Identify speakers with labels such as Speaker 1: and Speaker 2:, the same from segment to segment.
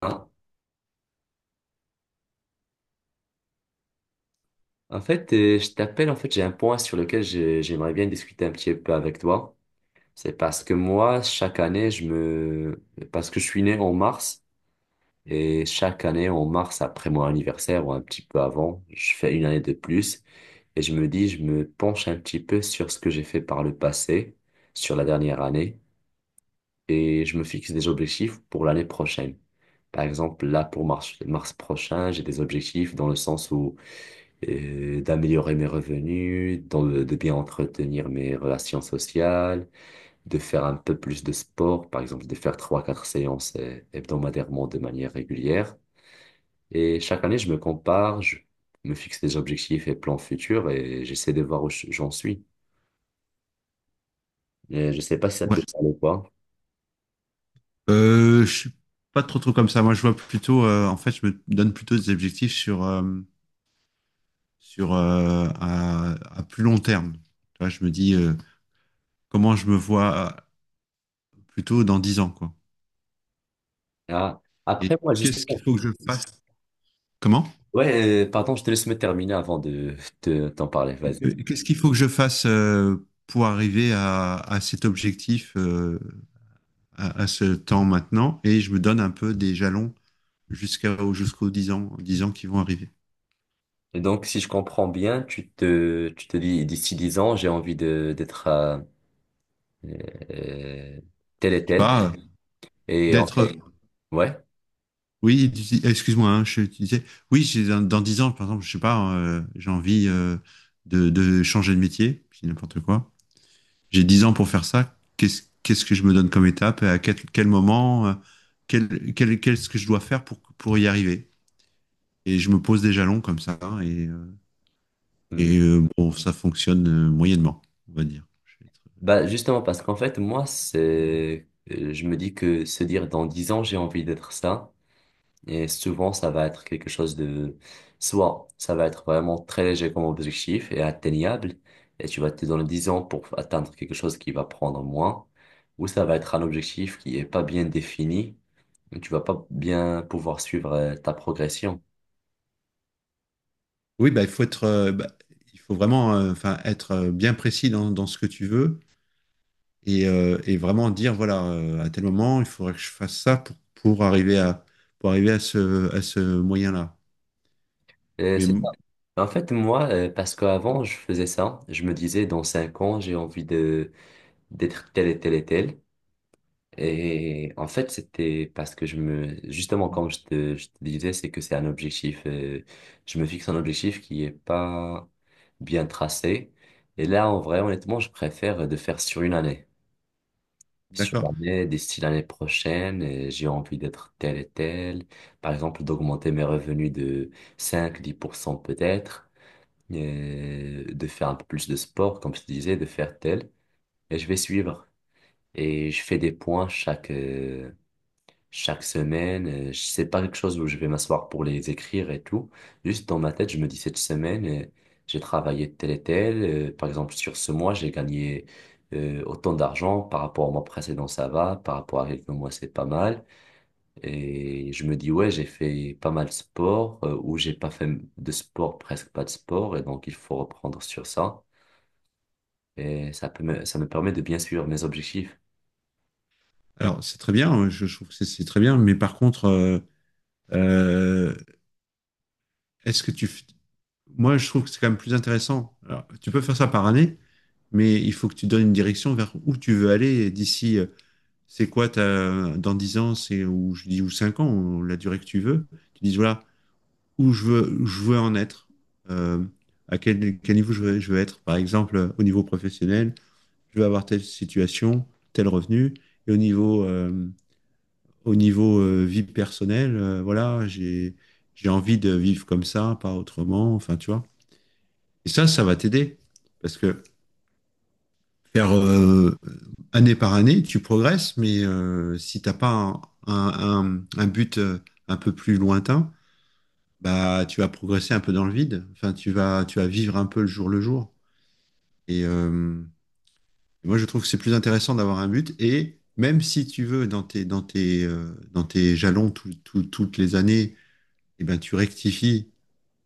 Speaker 1: Ah. En fait, je t'appelle, en fait, j'ai un point sur lequel j'aimerais bien discuter un petit peu avec toi. C'est parce que moi, chaque année, je me... Parce que je suis né en mars, et chaque année, en mars, après mon anniversaire ou un petit peu avant, je fais une année de plus, et je me dis, je me penche un petit peu sur ce que j'ai fait par le passé, sur la dernière année, et je me fixe des objectifs pour l'année prochaine. Par exemple, là, pour mars, mars prochain, j'ai des objectifs dans le sens où d'améliorer mes revenus, de bien entretenir mes relations sociales, de faire un peu plus de sport, par exemple de faire trois, quatre séances hebdomadairement de manière régulière. Et chaque année, je me compare, je me fixe des objectifs et plans futurs et j'essaie de voir où j'en suis. Je sais pas si ça te
Speaker 2: Ouais.
Speaker 1: parle ou pas.
Speaker 2: Je suis pas trop trop comme ça. Moi, je vois plutôt, en fait, je me donne plutôt des objectifs sur à plus long terme. Tu vois, je me dis comment je me vois plutôt dans 10 ans, quoi.
Speaker 1: Ah,
Speaker 2: Et
Speaker 1: après, moi,
Speaker 2: qu'est-ce qu'il
Speaker 1: justement.
Speaker 2: faut que je fasse? Comment?
Speaker 1: Ouais, pardon, je te laisse me terminer avant de t'en parler. Vas-y.
Speaker 2: Qu'est-ce qu'il faut que je fasse pour arriver à cet objectif, à ce temps maintenant? Et je me donne un peu des jalons jusqu'aux 10 ans, 10 ans qui vont arriver.
Speaker 1: Et donc, si je comprends bien, tu te dis, d'ici 10 ans, j'ai envie de, d'être à, euh, tel et
Speaker 2: Je sais
Speaker 1: tel.
Speaker 2: pas,
Speaker 1: Et en
Speaker 2: d'être.
Speaker 1: fait, ouais.
Speaker 2: Oui, excuse-moi, hein, je, tu disais, oui, dans, dans 10 ans, par exemple, je sais pas, hein, j'ai envie de changer de métier, je n'importe quoi. J'ai 10 ans pour faire ça. Qu'est-ce que je me donne comme étape? À quel, quel moment? Quel, qu'est-ce que je dois faire pour y arriver? Et je me pose des jalons comme ça, hein, et, euh,
Speaker 1: Mm.
Speaker 2: et euh, bon, ça fonctionne moyennement, on va dire. Je vais
Speaker 1: Bah, justement, parce qu'en fait, moi, je me dis que se dire dans 10 ans, j'ai envie d'être ça. Et souvent, ça va être quelque chose de, soit ça va être vraiment très léger comme objectif et atteignable. Et tu vas te donner 10 ans pour atteindre quelque chose qui va prendre moins. Ou ça va être un objectif qui est pas bien défini. Et tu vas pas bien pouvoir suivre ta progression.
Speaker 2: Oui, bah, il faut être, bah, il faut vraiment, enfin, être bien précis dans, dans ce que tu veux et vraiment dire, voilà, à tel moment, il faudrait que je fasse ça pour arriver à ce moyen-là. Mais
Speaker 1: C'est ça.
Speaker 2: m-
Speaker 1: En fait, moi, parce qu'avant, je faisais ça, je me disais, dans cinq ans, j'ai envie de d'être tel et tel et tel. Et en fait, c'était parce que je me... Justement, comme je te disais, c'est que c'est un objectif. Je me fixe un objectif qui est pas bien tracé. Et là, en vrai, honnêtement, je préfère de faire sur une année. Sur
Speaker 2: d'accord.
Speaker 1: l'année, d'ici l'année prochaine, j'ai envie d'être tel et tel. Par exemple, d'augmenter mes revenus de cinq dix pour cent peut-être de faire un peu plus de sport, comme je te disais, de faire tel, et je vais suivre. Et je fais des points chaque semaine. Je sais pas quelque chose où je vais m'asseoir pour les écrire et tout. Juste dans ma tête, je me dis cette semaine, j'ai travaillé tel et tel. Par exemple, sur ce mois, j'ai gagné autant d'argent. Par rapport au mois précédent, ça va. Par rapport à quelques mois, c'est pas mal. Et je me dis, ouais, j'ai fait pas mal de sport ou j'ai pas fait de sport, presque pas de sport. Et donc, il faut reprendre sur ça. Et ça me permet de bien suivre mes objectifs.
Speaker 2: Alors, c'est très bien, hein, je trouve que c'est très bien, mais par contre, euh, est-ce que Moi, je trouve que c'est quand même plus intéressant. Alors, tu peux faire ça par année, mais il faut que tu donnes une direction vers où tu veux aller d'ici, c'est quoi ta, dans 10 ans, c'est ou je dis ou 5 ans, ou la durée que tu veux. Tu dis voilà, où je veux en être, euh, à quel, quel niveau je veux être. Par exemple, au niveau professionnel, je veux avoir telle situation, tel revenu, et au niveau, vie personnelle, voilà, j'ai envie de vivre comme ça, pas autrement, enfin, tu vois. Et ça va t'aider, parce que faire année par année, tu progresses, mais si t'as pas un, un, un but un peu plus lointain, bah, tu vas progresser un peu dans le vide. Enfin, tu vas vivre un peu le jour le jour. Et moi, je trouve que c'est plus intéressant d'avoir un but. Et même si tu veux, dans tes, dans tes, dans tes jalons toutes les années, eh ben, tu rectifies.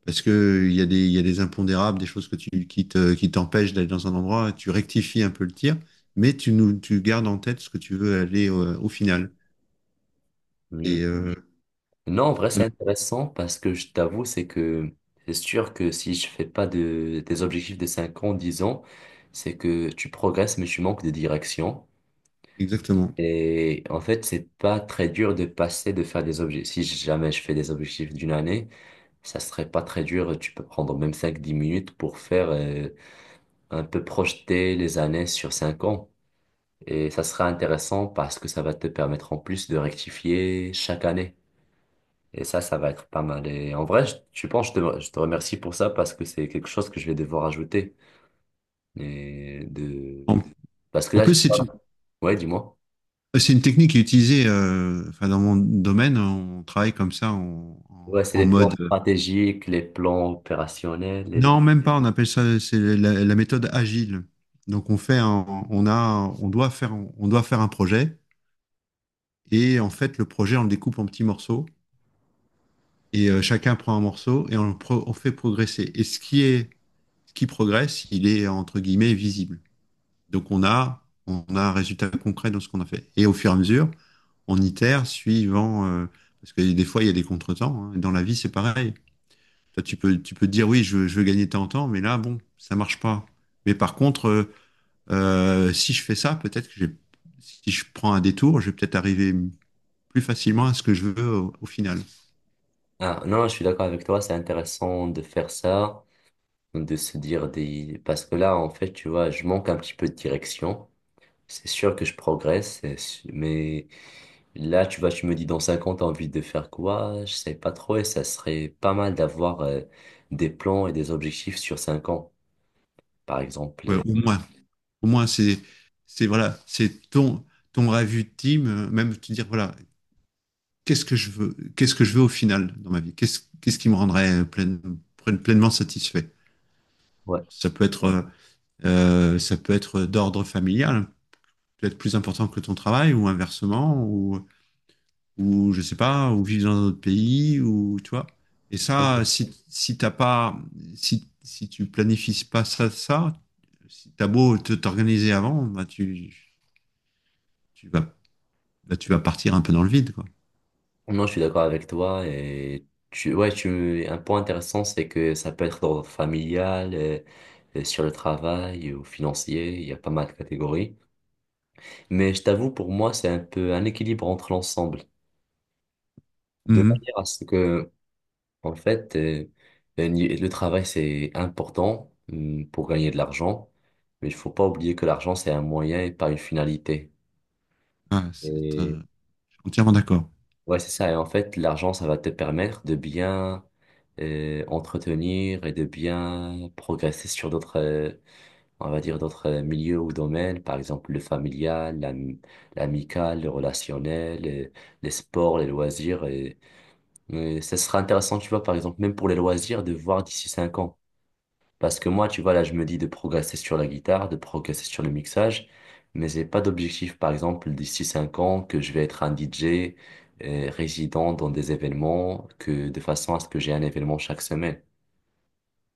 Speaker 2: Parce que il y a des, il y a des impondérables, des choses que tu, qui te, qui t'empêchent d'aller dans un endroit. Tu rectifies un peu le tir, mais tu, nous, tu gardes en tête ce que tu veux aller au final.
Speaker 1: Hmm.
Speaker 2: Et
Speaker 1: Non, en vrai, c'est
Speaker 2: voilà,
Speaker 1: intéressant parce que je t'avoue, c'est que c'est sûr que si je fais pas des objectifs de 5 ans, 10 ans, c'est que tu progresses mais tu manques de direction.
Speaker 2: exactement.
Speaker 1: Et en fait, c'est pas très dur de faire des objectifs. Si jamais je fais des objectifs d'une année, ça serait pas très dur. Tu peux prendre même cinq dix minutes pour faire un peu projeter les années sur 5 ans. Et ça sera intéressant parce que ça va te permettre en plus de rectifier chaque année. Et ça va être pas mal. Et en vrai, je pense, je te remercie pour ça parce que c'est quelque chose que je vais devoir ajouter. Et de...
Speaker 2: En,
Speaker 1: Parce que
Speaker 2: en
Speaker 1: là, je-
Speaker 2: plus, c'est une.
Speaker 1: ouais, dis-moi.
Speaker 2: C'est une technique qui est utilisée, enfin, dans mon domaine, on travaille comme ça en,
Speaker 1: Ouais, c'est
Speaker 2: en
Speaker 1: les
Speaker 2: mode.
Speaker 1: plans stratégiques, les plans opérationnels. Et le-
Speaker 2: Non, même pas, on appelle ça c'est la, la méthode agile. Donc on fait on a, on doit faire un projet et en fait le projet on le découpe en petits morceaux et chacun prend un morceau et on, le on fait progresser. Et ce qui est, ce qui progresse, il est entre guillemets visible. Donc on a un résultat concret dans ce qu'on a fait. Et au fur et à mesure, on itère suivant. Parce que des fois, il y a des contretemps, hein. Dans la vie, c'est pareil. Toi, tu peux te dire, oui, je, je veux gagner tant en temps, mais là, bon, ça marche pas. Mais par contre, si je fais ça, peut-être que si je prends un détour, je vais peut-être arriver plus facilement à ce que je veux au, au final.
Speaker 1: Ah, non, je suis d'accord avec toi, c'est intéressant de faire ça, de se dire des... Parce que là, en fait, tu vois, je manque un petit peu de direction. C'est sûr que je progresse, c'est su- mais... Là, tu vois, tu me dis dans 5 ans, t'as envie de faire quoi? Je sais pas trop et ça serait pas mal d'avoir des plans et des objectifs sur 5 ans, par exemple.
Speaker 2: Ouais,
Speaker 1: Et-
Speaker 2: au moins, c'est voilà, c'est ton, ton rêve ultime, même te dire, voilà, qu'est-ce que je veux, qu'est-ce que je veux au final dans ma vie? Qu'est-ce qui me rendrait pleinement satisfait?
Speaker 1: Ouais.
Speaker 2: Ça peut être euh, ça peut être d'ordre familial, peut-être plus important que ton travail ou inversement, ou je sais pas, ou vivre dans un autre pays, ou tu vois. Et ça,
Speaker 1: Ok.
Speaker 2: si, si t'as pas, si, si tu planifies pas ça, ça, si t'as beau t'organiser avant, bah tu, tu vas, bah, tu vas partir un peu dans le vide, quoi.
Speaker 1: Non, je suis d'accord avec toi et un point intéressant, c'est que ça peut être d'ordre familial, sur le travail ou financier, il y a pas mal de catégories. Mais je t'avoue, pour moi, c'est un peu un équilibre entre l'ensemble. De
Speaker 2: Mhm.
Speaker 1: manière à ce que en fait, un ni- le travail, c'est important pour gagner de l'argent, mais il faut pas oublier que l'argent, c'est un moyen et pas une finalité.
Speaker 2: Ah c'est,
Speaker 1: Et
Speaker 2: je suis entièrement d'accord.
Speaker 1: ouais, c'est ça. Et en fait, l'argent, ça va te permettre de bien entretenir et de bien progresser sur d'autres, on va dire, d'autres milieux ou domaines, par exemple le familial, l'amical, le relationnel, les sports, les loisirs. Et ça sera intéressant, tu vois, par exemple, même pour les loisirs, de voir d'ici cinq ans. Parce que moi, tu vois, là, je me dis de progresser sur la guitare, de progresser sur le mixage, mais j'ai pas d'objectif, par exemple, d'ici cinq ans, que je vais être un DJ résident dans des événements, que de façon à ce que j'ai un événement chaque semaine.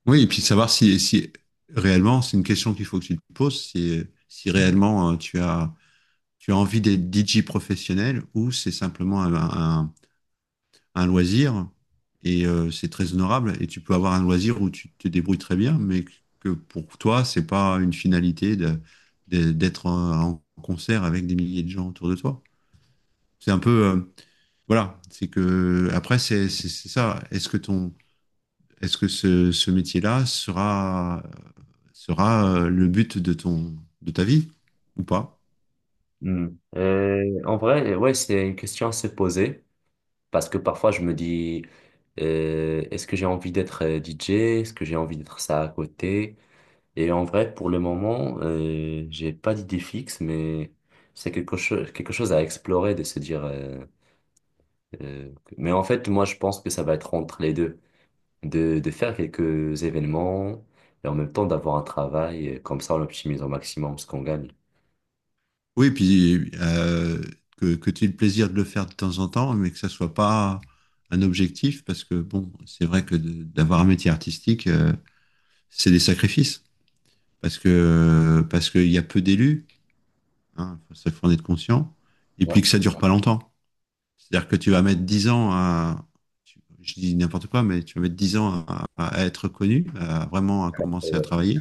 Speaker 2: Oui, et puis savoir si, si réellement, c'est une question qu'il faut que tu te poses, si, si réellement tu as envie d'être DJ professionnel ou c'est simplement un, un- un loisir et c'est très honorable et tu peux avoir un loisir où tu te débrouilles très bien, mais que pour toi, c'est pas une finalité d'être en, en concert avec des milliers de gens autour de toi. C'est un peu, voilà, c'est que après, c'est ça. Est-ce que ton, est-ce que ce métier-là sera, sera le but de ton, de ta vie ou pas?
Speaker 1: Hmm. En vrai, ouais, c'est une question à se poser, parce que parfois je me dis, est-ce que j'ai envie d'être DJ? Est-ce que j'ai envie d'être ça à côté? Et en vrai, pour le moment, j'ai pas d'idée fixe, mais c'est quelque chose à explorer, de se dire. Mais en fait, moi, je pense que ça va être entre les deux, de faire quelques événements et en même temps d'avoir un travail. Et comme ça, on optimise au maximum ce qu'on gagne.
Speaker 2: Oui, puis que tu aies le plaisir de le faire de temps en temps, mais que ça soit pas un objectif, parce que bon, c'est vrai que d'avoir un métier artistique, c'est des sacrifices, parce que parce qu'il y a peu d'élus, hein, ça faut en être conscient, et
Speaker 1: Ouais.
Speaker 2: puis que ça dure pas longtemps. C'est-à-dire que tu vas mettre 10 ans à, je dis n'importe quoi, mais tu vas mettre 10 ans à être connu, à vraiment à
Speaker 1: Et
Speaker 2: commencer à
Speaker 1: ouais.
Speaker 2: travailler,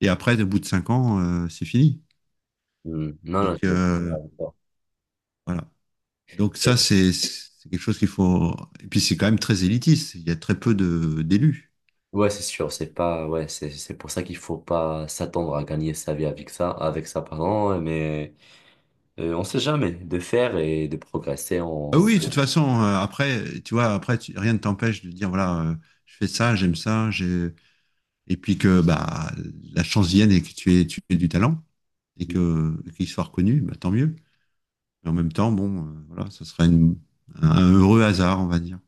Speaker 2: et après, au bout de 5 ans, c'est fini.
Speaker 1: Hmm. Non,
Speaker 2: Donc
Speaker 1: je comprends pas.
Speaker 2: voilà. Donc ça,
Speaker 1: Et-
Speaker 2: c'est quelque chose qu'il faut. Et puis c'est quand même très élitiste. Il y a très peu de d'élus.
Speaker 1: ouais, c'est sûr, c'est pas, ouais, c'est pour ça qu'il faut pas s'attendre à gagner sa vie avec ça, pardon, mais on sait jamais de faire et de progresser
Speaker 2: Ah
Speaker 1: en.
Speaker 2: oui, de toute façon, après, tu vois, après, rien ne t'empêche de dire voilà, je fais ça, j'aime ça, et puis que bah la chance vienne et que tu aies du talent et que qu'il soit reconnu, bah, tant mieux. Mais en même temps, bon, voilà, ça sera un heureux hasard, on va dire.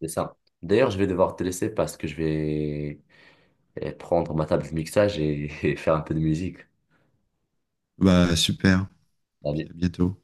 Speaker 1: C'est ça. D'ailleurs, je vais devoir te laisser parce que je vais prendre ma table de mixage et, et faire un peu de musique.
Speaker 2: Bah super. Et puis à
Speaker 1: Salut.
Speaker 2: bientôt.